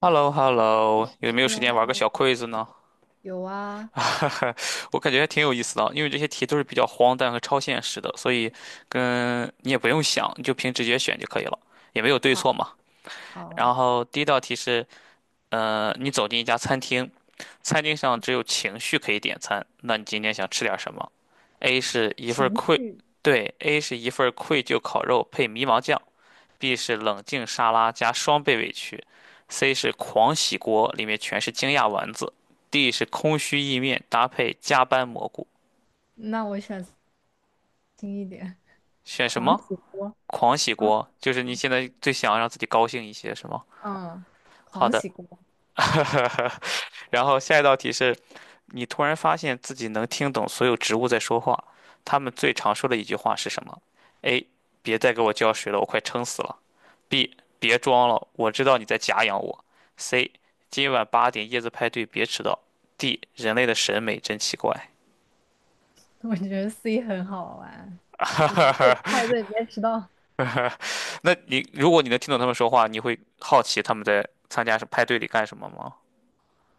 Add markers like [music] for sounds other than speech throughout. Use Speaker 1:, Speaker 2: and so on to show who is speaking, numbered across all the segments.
Speaker 1: h e l l o h e l l o 有没
Speaker 2: h
Speaker 1: 有
Speaker 2: e l l
Speaker 1: 时
Speaker 2: o h
Speaker 1: 间
Speaker 2: e l
Speaker 1: 玩
Speaker 2: l
Speaker 1: 个小
Speaker 2: o
Speaker 1: quiz 呢？
Speaker 2: 有啊。
Speaker 1: [laughs] 我感觉还挺有意思的啊，因为这些题都是比较荒诞和超现实的，所以跟你也不用想，你就凭直觉选就可以了，也没有对
Speaker 2: 好
Speaker 1: 错嘛。
Speaker 2: 好。
Speaker 1: 然后第一道题是，你走进一家餐厅，餐厅上只有情绪可以点餐，那你今天想吃点什么？A 是一份
Speaker 2: 情
Speaker 1: 愧，
Speaker 2: 绪。
Speaker 1: 对，A 是一份愧疚烤肉配迷茫酱 B 是冷静沙拉加双倍委屈，C 是狂喜锅，里面全是惊讶丸子，D 是空虚意面搭配加班蘑菇。
Speaker 2: 那我选轻一点，
Speaker 1: 选什
Speaker 2: 狂
Speaker 1: 么？
Speaker 2: 喜锅。
Speaker 1: 狂喜
Speaker 2: 啊，
Speaker 1: 锅，就是你
Speaker 2: 嗯
Speaker 1: 现在最想让自己高兴一些，是吗？
Speaker 2: 嗯，
Speaker 1: 好
Speaker 2: 狂
Speaker 1: 的，
Speaker 2: 喜锅。
Speaker 1: [laughs] 然后下一道题是，你突然发现自己能听懂所有植物在说话，它们最常说的一句话是什么？A，别再给我浇水了，我快撑死了。B 别装了，我知道你在假养我。C 今晚八点叶子派对别迟到。D 人类的审美真奇怪。
Speaker 2: [laughs] 我觉得 C 很好玩，就是越派
Speaker 1: [laughs]
Speaker 2: 对别迟到。
Speaker 1: 那你如果你能听懂他们说话，你会好奇他们在参加派对里干什么吗？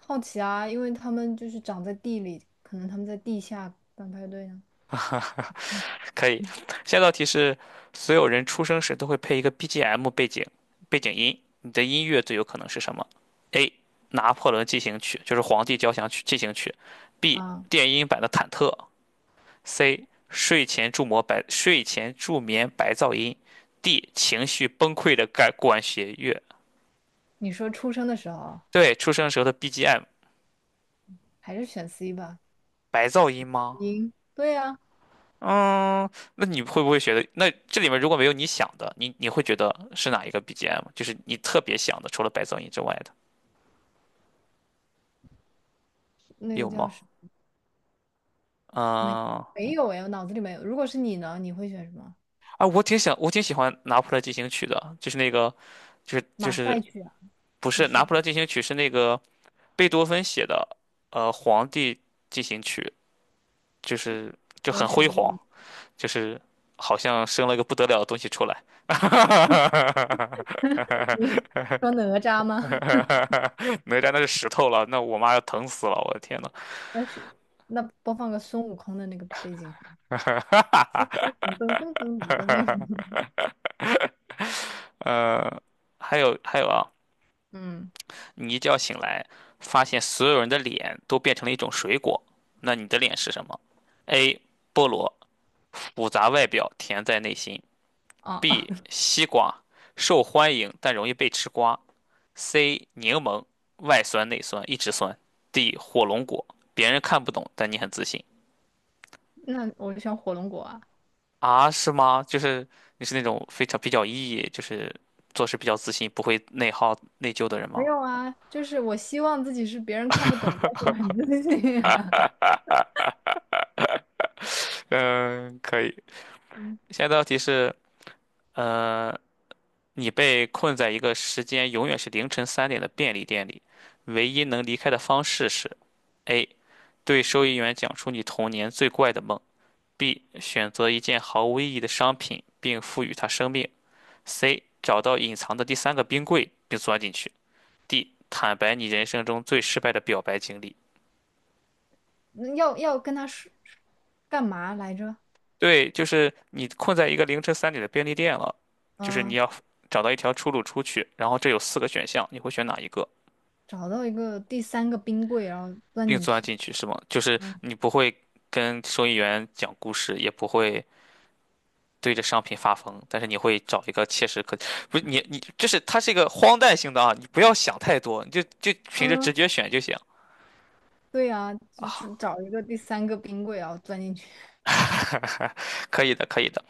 Speaker 2: 好奇啊，因为他们就是长在地里，可能他们在地下办派对呢。嗯
Speaker 1: [laughs] 可以。
Speaker 2: 嗯，
Speaker 1: 下一道题是：所有人出生时都会配一个 BGM 背景音，你的音乐最有可能是什么？A. 拿破仑进行曲，就是《皇帝交响曲》进行曲；B.
Speaker 2: 啊，
Speaker 1: 电音版的忐忑 C. 睡前助眠白噪音，D. 情绪崩溃的感管弦乐。
Speaker 2: 你说出生的时候，
Speaker 1: 对，出生时候的 BGM
Speaker 2: 还是选 C 吧。
Speaker 1: 白噪音吗？
Speaker 2: 赢对呀。
Speaker 1: 嗯，那你会不会觉得，那这里面如果没有你想的，你会觉得是哪一个 BGM？就是你特别想的，除了白噪音之外的，
Speaker 2: 那个
Speaker 1: 有
Speaker 2: 叫
Speaker 1: 吗？
Speaker 2: 什么？没
Speaker 1: 嗯，
Speaker 2: 没有哎，我脑子里没有。如果是你呢，你会选什么？
Speaker 1: 啊，我挺想，我挺喜欢《拿破仑进行曲》的，就是那个，就是就
Speaker 2: 马
Speaker 1: 是
Speaker 2: 赛曲啊。
Speaker 1: 不是
Speaker 2: 不是
Speaker 1: 《拿破
Speaker 2: 吧，
Speaker 1: 仑进行曲》，是那个贝多芬写的，《皇帝进行曲》。就是就
Speaker 2: 你要
Speaker 1: 很辉
Speaker 2: 选这个。
Speaker 1: 煌，就是好像生了个不得了的东西出来。[laughs]
Speaker 2: [laughs] 你说哪吒吗？
Speaker 1: 哪吒那是石头了，那我妈要疼死了，我的天呐。
Speaker 2: 那是那播放个孙悟空的那个背景好了，噔噔噔噔的那个。
Speaker 1: 呃，还有啊，
Speaker 2: 嗯，
Speaker 1: 你一觉醒来，发现所有人的脸都变成了一种水果，那你的脸是什么？A. 菠萝，复杂外表，甜在内心
Speaker 2: 啊。
Speaker 1: ；B.
Speaker 2: [laughs]
Speaker 1: 西瓜，受欢迎但容易被吃瓜 C 柠檬，外酸内酸，一直酸。D 火龙果，别人看不懂，但你很自信
Speaker 2: 那我就选火龙果啊。
Speaker 1: 啊？是吗？就是你是那种非常比较 E，就是做事比较自信，不会内耗内疚的人
Speaker 2: 没
Speaker 1: 吗？
Speaker 2: 有啊，就是我希望自己是别人看不懂，但是我很自信啊。 [laughs]
Speaker 1: 嗯，可以。
Speaker 2: 嗯。
Speaker 1: 下一道题是，呃，你被困在一个时间永远是凌晨三点的便利店里，唯一能离开的方式是：A. 对收银员讲出你童年最怪的梦；B. 选择一件毫无意义的商品并赋予它生命 C. 找到隐藏的第三个冰柜并钻进去。D. 坦白你人生中最失败的表白经历。
Speaker 2: 那要跟他说干嘛来着？
Speaker 1: 对，就是你困在一个凌晨三点的便利店了，就是你
Speaker 2: 嗯、
Speaker 1: 要找到一条出路出去。然后这有四个选项，你会选哪一个？
Speaker 2: 找到一个第三个冰柜，然后钻
Speaker 1: 并
Speaker 2: 进
Speaker 1: 钻
Speaker 2: 去。
Speaker 1: 进去是吗？就是
Speaker 2: 嗯
Speaker 1: 你不会跟收银员讲故事，也不会对着商品发疯，但是你会找一个切实可，不是你，就是它是一个荒诞性的啊，你不要想太多，你就就凭着直
Speaker 2: 嗯，
Speaker 1: 觉选就行
Speaker 2: 对呀，就
Speaker 1: 啊。
Speaker 2: 找一个第三个冰柜，然后钻进去。
Speaker 1: [laughs] 可以的，可以的。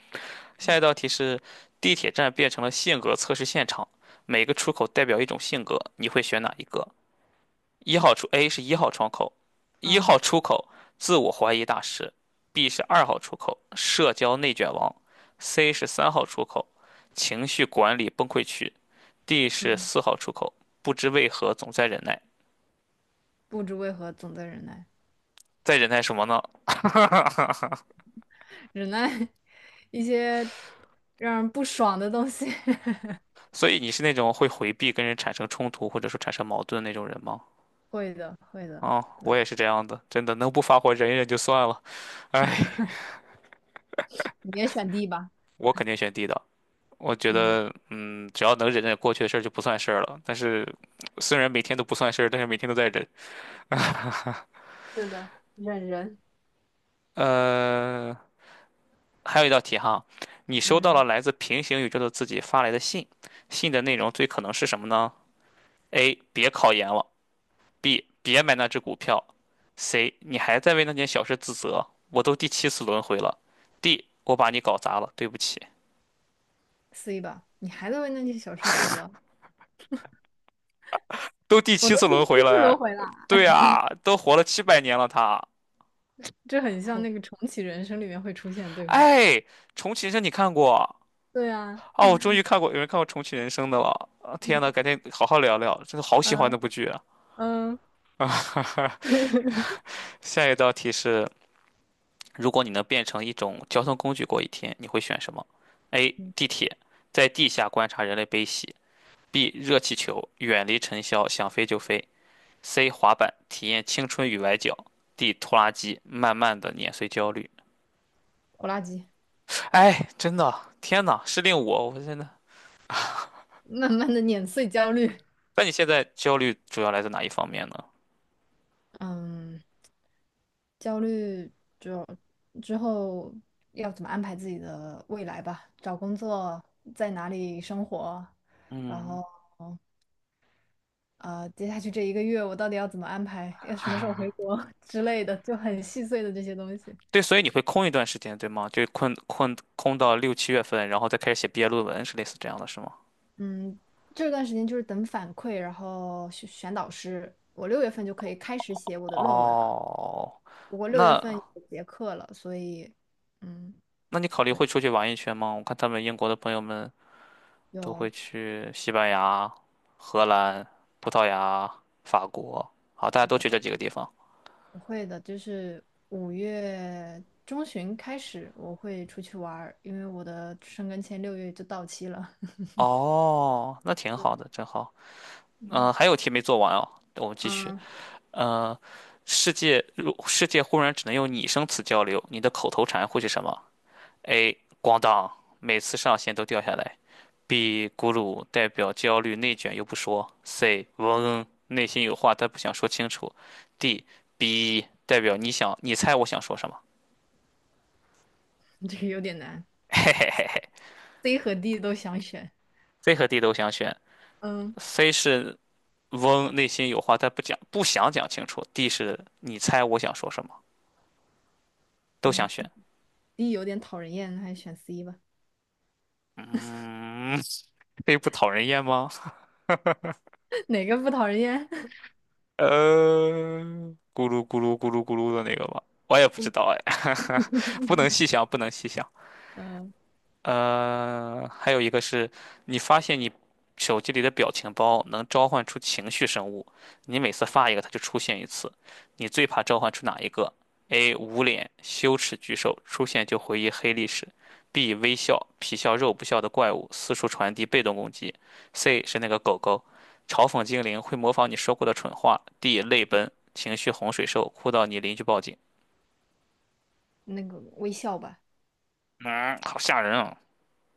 Speaker 1: 下一道题是：地铁站变成了性格测试现场，每个出口代表一种性格，你会选哪一个？一号出 A 是一号窗口，一
Speaker 2: 嗯
Speaker 1: 号出口自我怀疑大师；B 是二号出口，社交内卷王；C 是三号出口，情绪管理崩溃区；D 是
Speaker 2: 嗯。
Speaker 1: 四号出口，不知为何总在忍耐。
Speaker 2: 不知为何总在忍耐，
Speaker 1: 在忍耐什么呢？
Speaker 2: 忍耐 [laughs] 一些让人不爽的东西。[laughs]
Speaker 1: 所以你是那种会回避跟人产生冲突或者说产生矛盾的那种人吗？
Speaker 2: 会的，会的，
Speaker 1: 哦，我也是这样的，真的能不发火忍一忍就算了。哎，
Speaker 2: 你也选 D 吧。
Speaker 1: 我肯定选 D 的。我觉
Speaker 2: 嗯，
Speaker 1: 得，嗯，只要能忍忍过去的事儿就不算事儿了。但是，虽然每天都不算事儿，但是每天都在忍。[laughs]
Speaker 2: 是的，忍人。
Speaker 1: 呃，还有一道题哈，你收到了
Speaker 2: 嗯
Speaker 1: 来自平行宇宙的自己发来的信，信的内容最可能是什么呢？A. 别考研了；B. 别买那只股票；C. 你还在为那件小事自责，我都第七次轮回了；D. 我把你搞砸了，对不起。
Speaker 2: ，C 吧。你还在为那些小事自责，
Speaker 1: 都第
Speaker 2: 我
Speaker 1: 七
Speaker 2: 都
Speaker 1: 次
Speaker 2: 第
Speaker 1: 轮回
Speaker 2: 七次
Speaker 1: 了
Speaker 2: 轮
Speaker 1: 哎。
Speaker 2: 回了。
Speaker 1: 对啊，都活了七百年了他。
Speaker 2: 这很像那个重启人生里面会出现对吗？
Speaker 1: 哎，重启人生你看过？
Speaker 2: 对啊。
Speaker 1: 哦，我终于看过，有人看过重启人生的了。啊天呐，改天好好聊聊，真的好喜欢
Speaker 2: 嗯
Speaker 1: 那部剧啊！
Speaker 2: 嗯。
Speaker 1: [laughs]
Speaker 2: [laughs]
Speaker 1: 下一道题是：如果你能变成一种交通工具过一天，你会选什么？A.
Speaker 2: 嗯，
Speaker 1: 地铁，在地下观察人类悲喜；B. 热气球，远离尘嚣，想飞就飞；C. 滑板，体验青春与崴脚；D. 拖拉机，慢慢的碾碎焦虑。
Speaker 2: 拖拉机，
Speaker 1: 哎，真的，天呐，是令我，我真的。
Speaker 2: 慢慢的碾碎焦虑。
Speaker 1: 那你现在焦虑主要来自哪一方面呢？
Speaker 2: 嗯，焦虑就之后要怎么安排自己的未来吧，找工作，在哪里生活，然
Speaker 1: 嗯，
Speaker 2: 后接下去这一个月我到底要怎么安排，要什么时候回国 [laughs] 之类的，就很细碎的这些东西。
Speaker 1: 对，所以你会空一段时间，对吗？就困空到六七月份，然后再开始写毕业论文，是类似这样的，是吗？
Speaker 2: 嗯，这段时间就是等反馈，然后选选导师。我六月份就可以开始写我的论文了，
Speaker 1: 哦，
Speaker 2: 不过六月份
Speaker 1: 那
Speaker 2: 有结课了，所以嗯，
Speaker 1: 那你考虑
Speaker 2: 对，
Speaker 1: 会出去玩一圈吗？我看他们英国的朋友们都会
Speaker 2: 有
Speaker 1: 去西班牙、荷兰、葡萄牙、法国，好，大家
Speaker 2: 是
Speaker 1: 都
Speaker 2: 的。
Speaker 1: 去这几个地方。
Speaker 2: 我会的，就是5月中旬开始我会出去玩儿，因为我的申根签六月就到期了。[laughs]
Speaker 1: 哦，那挺好的，真好。
Speaker 2: 嗯。
Speaker 1: 嗯、还有题没做完哦，我们继续。
Speaker 2: 嗯。
Speaker 1: 呃，世界忽然只能用拟声词交流，你的口头禅会是什么？A. 咣当，每次上线都掉下来。B. 咕噜，代表焦虑内卷又不说。C. 嗡，内心有话但不想说清楚。D. B 代表你想，你猜我想说什么？
Speaker 2: [laughs] 这个有点难
Speaker 1: [laughs] 嘿嘿嘿嘿
Speaker 2: ，C 和 D 都想选。
Speaker 1: ，C 和 D 都想选。
Speaker 2: 嗯
Speaker 1: C 是嗡，内心有话但不讲，不想讲清楚。D 是你猜我想说什么，都想
Speaker 2: 嗯
Speaker 1: 选。
Speaker 2: ，D 有点讨人厌，还是选 C 吧。
Speaker 1: 嗯，[laughs] 这不讨人厌吗？
Speaker 2: [laughs] 哪个不讨人厌？
Speaker 1: 呃，咕噜咕噜咕噜咕噜的那个吧，我也不知道哎，[laughs] 不能
Speaker 2: [laughs]
Speaker 1: 细想，不能细想。
Speaker 2: 嗯，
Speaker 1: 还有一个是，你发现你手机里的表情包能召唤出情绪生物，你每次发一个，它就出现一次。你最怕召唤出哪一个？A. 捂脸，羞耻巨兽，出现就回忆黑历史；B. 微笑，皮笑肉不笑的怪物，四处传递被动攻击；C. 是那个狗狗，嘲讽精灵会模仿你说过的蠢话；D. 泪奔，情绪洪水兽，哭到你邻居报警。
Speaker 2: 那个微笑吧。
Speaker 1: 嗯，好吓人啊！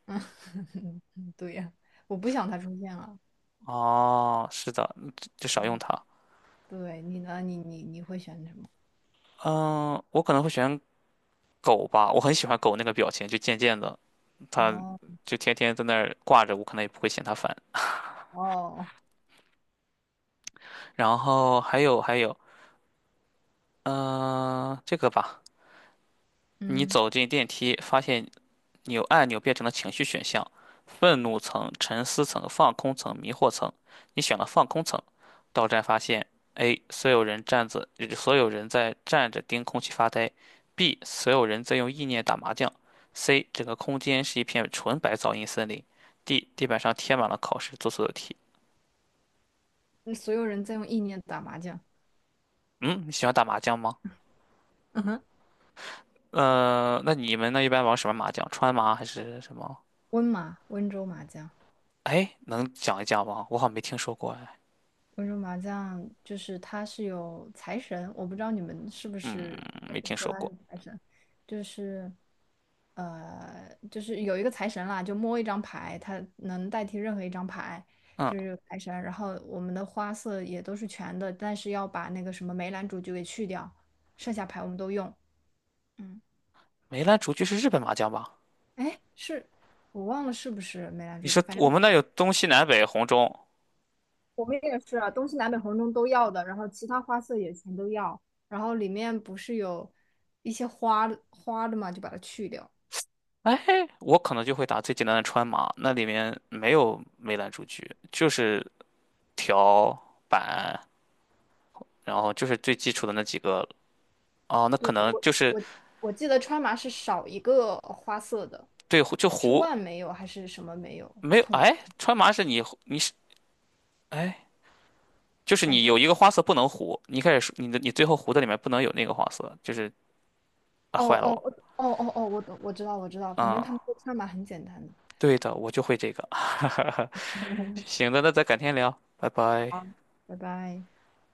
Speaker 2: 嗯。[laughs] 对呀，我不想他出现了。
Speaker 1: 哦，是的，嗯就
Speaker 2: 对，
Speaker 1: 少用它。
Speaker 2: 对你呢？你会选什么？
Speaker 1: 嗯，我可能会选狗吧，我很喜欢狗那个表情，就贱贱的，它
Speaker 2: 哦
Speaker 1: 就天天在那儿挂着，我可能也不会嫌它烦。
Speaker 2: 哦，
Speaker 1: 然后还有，嗯、这个吧，你
Speaker 2: 嗯，
Speaker 1: 走进电梯，发现扭按钮变成了情绪选项，愤怒层、沉思层、放空层、迷惑层。你选了放空层，到站发现：A. 所有人站着，所有人在站着盯空气发呆；B. 所有人在用意念打麻将；C. 整个空间是一片纯白噪音森林；D. 地板上贴满了考试做错的题。
Speaker 2: 那所有人在用意念打麻将。
Speaker 1: 嗯，你喜欢打麻将吗？
Speaker 2: [laughs]
Speaker 1: 那你们那一般玩什么麻将？川麻还是什么？
Speaker 2: 温麻，温州麻将，
Speaker 1: 哎，能讲一讲吗？我好像没听说过哎，
Speaker 2: 温州麻将就是它是有财神，我不知道你们是不是
Speaker 1: 嗯没听
Speaker 2: 说
Speaker 1: 说
Speaker 2: 它是
Speaker 1: 过。
Speaker 2: 财神，就是就是有一个财神啦，就摸一张牌，它能代替任何一张牌，就是
Speaker 1: 嗯。
Speaker 2: 有财神。然后我们的花色也都是全的，但是要把那个什么梅兰竹菊给去掉，剩下牌我们都用。嗯，
Speaker 1: 梅兰竹菊是日本麻将吧？
Speaker 2: 哎，是我忘了是不是梅兰
Speaker 1: 你
Speaker 2: 竹菊，
Speaker 1: 说
Speaker 2: 反
Speaker 1: 我
Speaker 2: 正。
Speaker 1: 们那有东西南北红中，
Speaker 2: 我们也是啊，东西南北红中都要的，然后其他花色也全都要，然后里面不是有一些花花的嘛，就把它去掉。
Speaker 1: 哎，我可能就会打最简单的川麻，那里面没有梅兰竹菊，就是条板，然后就是最基础的那几个。哦，那可能就是
Speaker 2: 我我记得川麻是少一个花色的，
Speaker 1: 对就
Speaker 2: 是
Speaker 1: 胡
Speaker 2: 万没有还是什么没有？
Speaker 1: 没有，
Speaker 2: 统，
Speaker 1: 哎，川麻是你是哎，就是
Speaker 2: 反
Speaker 1: 你
Speaker 2: 正
Speaker 1: 有一个花色不能胡，你一开始说你的你最后胡的里面不能有那个花色，就是啊
Speaker 2: 哦
Speaker 1: 坏了
Speaker 2: 哦哦
Speaker 1: 我，
Speaker 2: 哦哦，哦我知道我知道，反正
Speaker 1: 嗯，
Speaker 2: 他们说川麻很简单的。
Speaker 1: 对的，我就会这个，[laughs]
Speaker 2: [laughs]
Speaker 1: 行的，那咱改天聊，拜
Speaker 2: 好，
Speaker 1: 拜。
Speaker 2: 拜拜。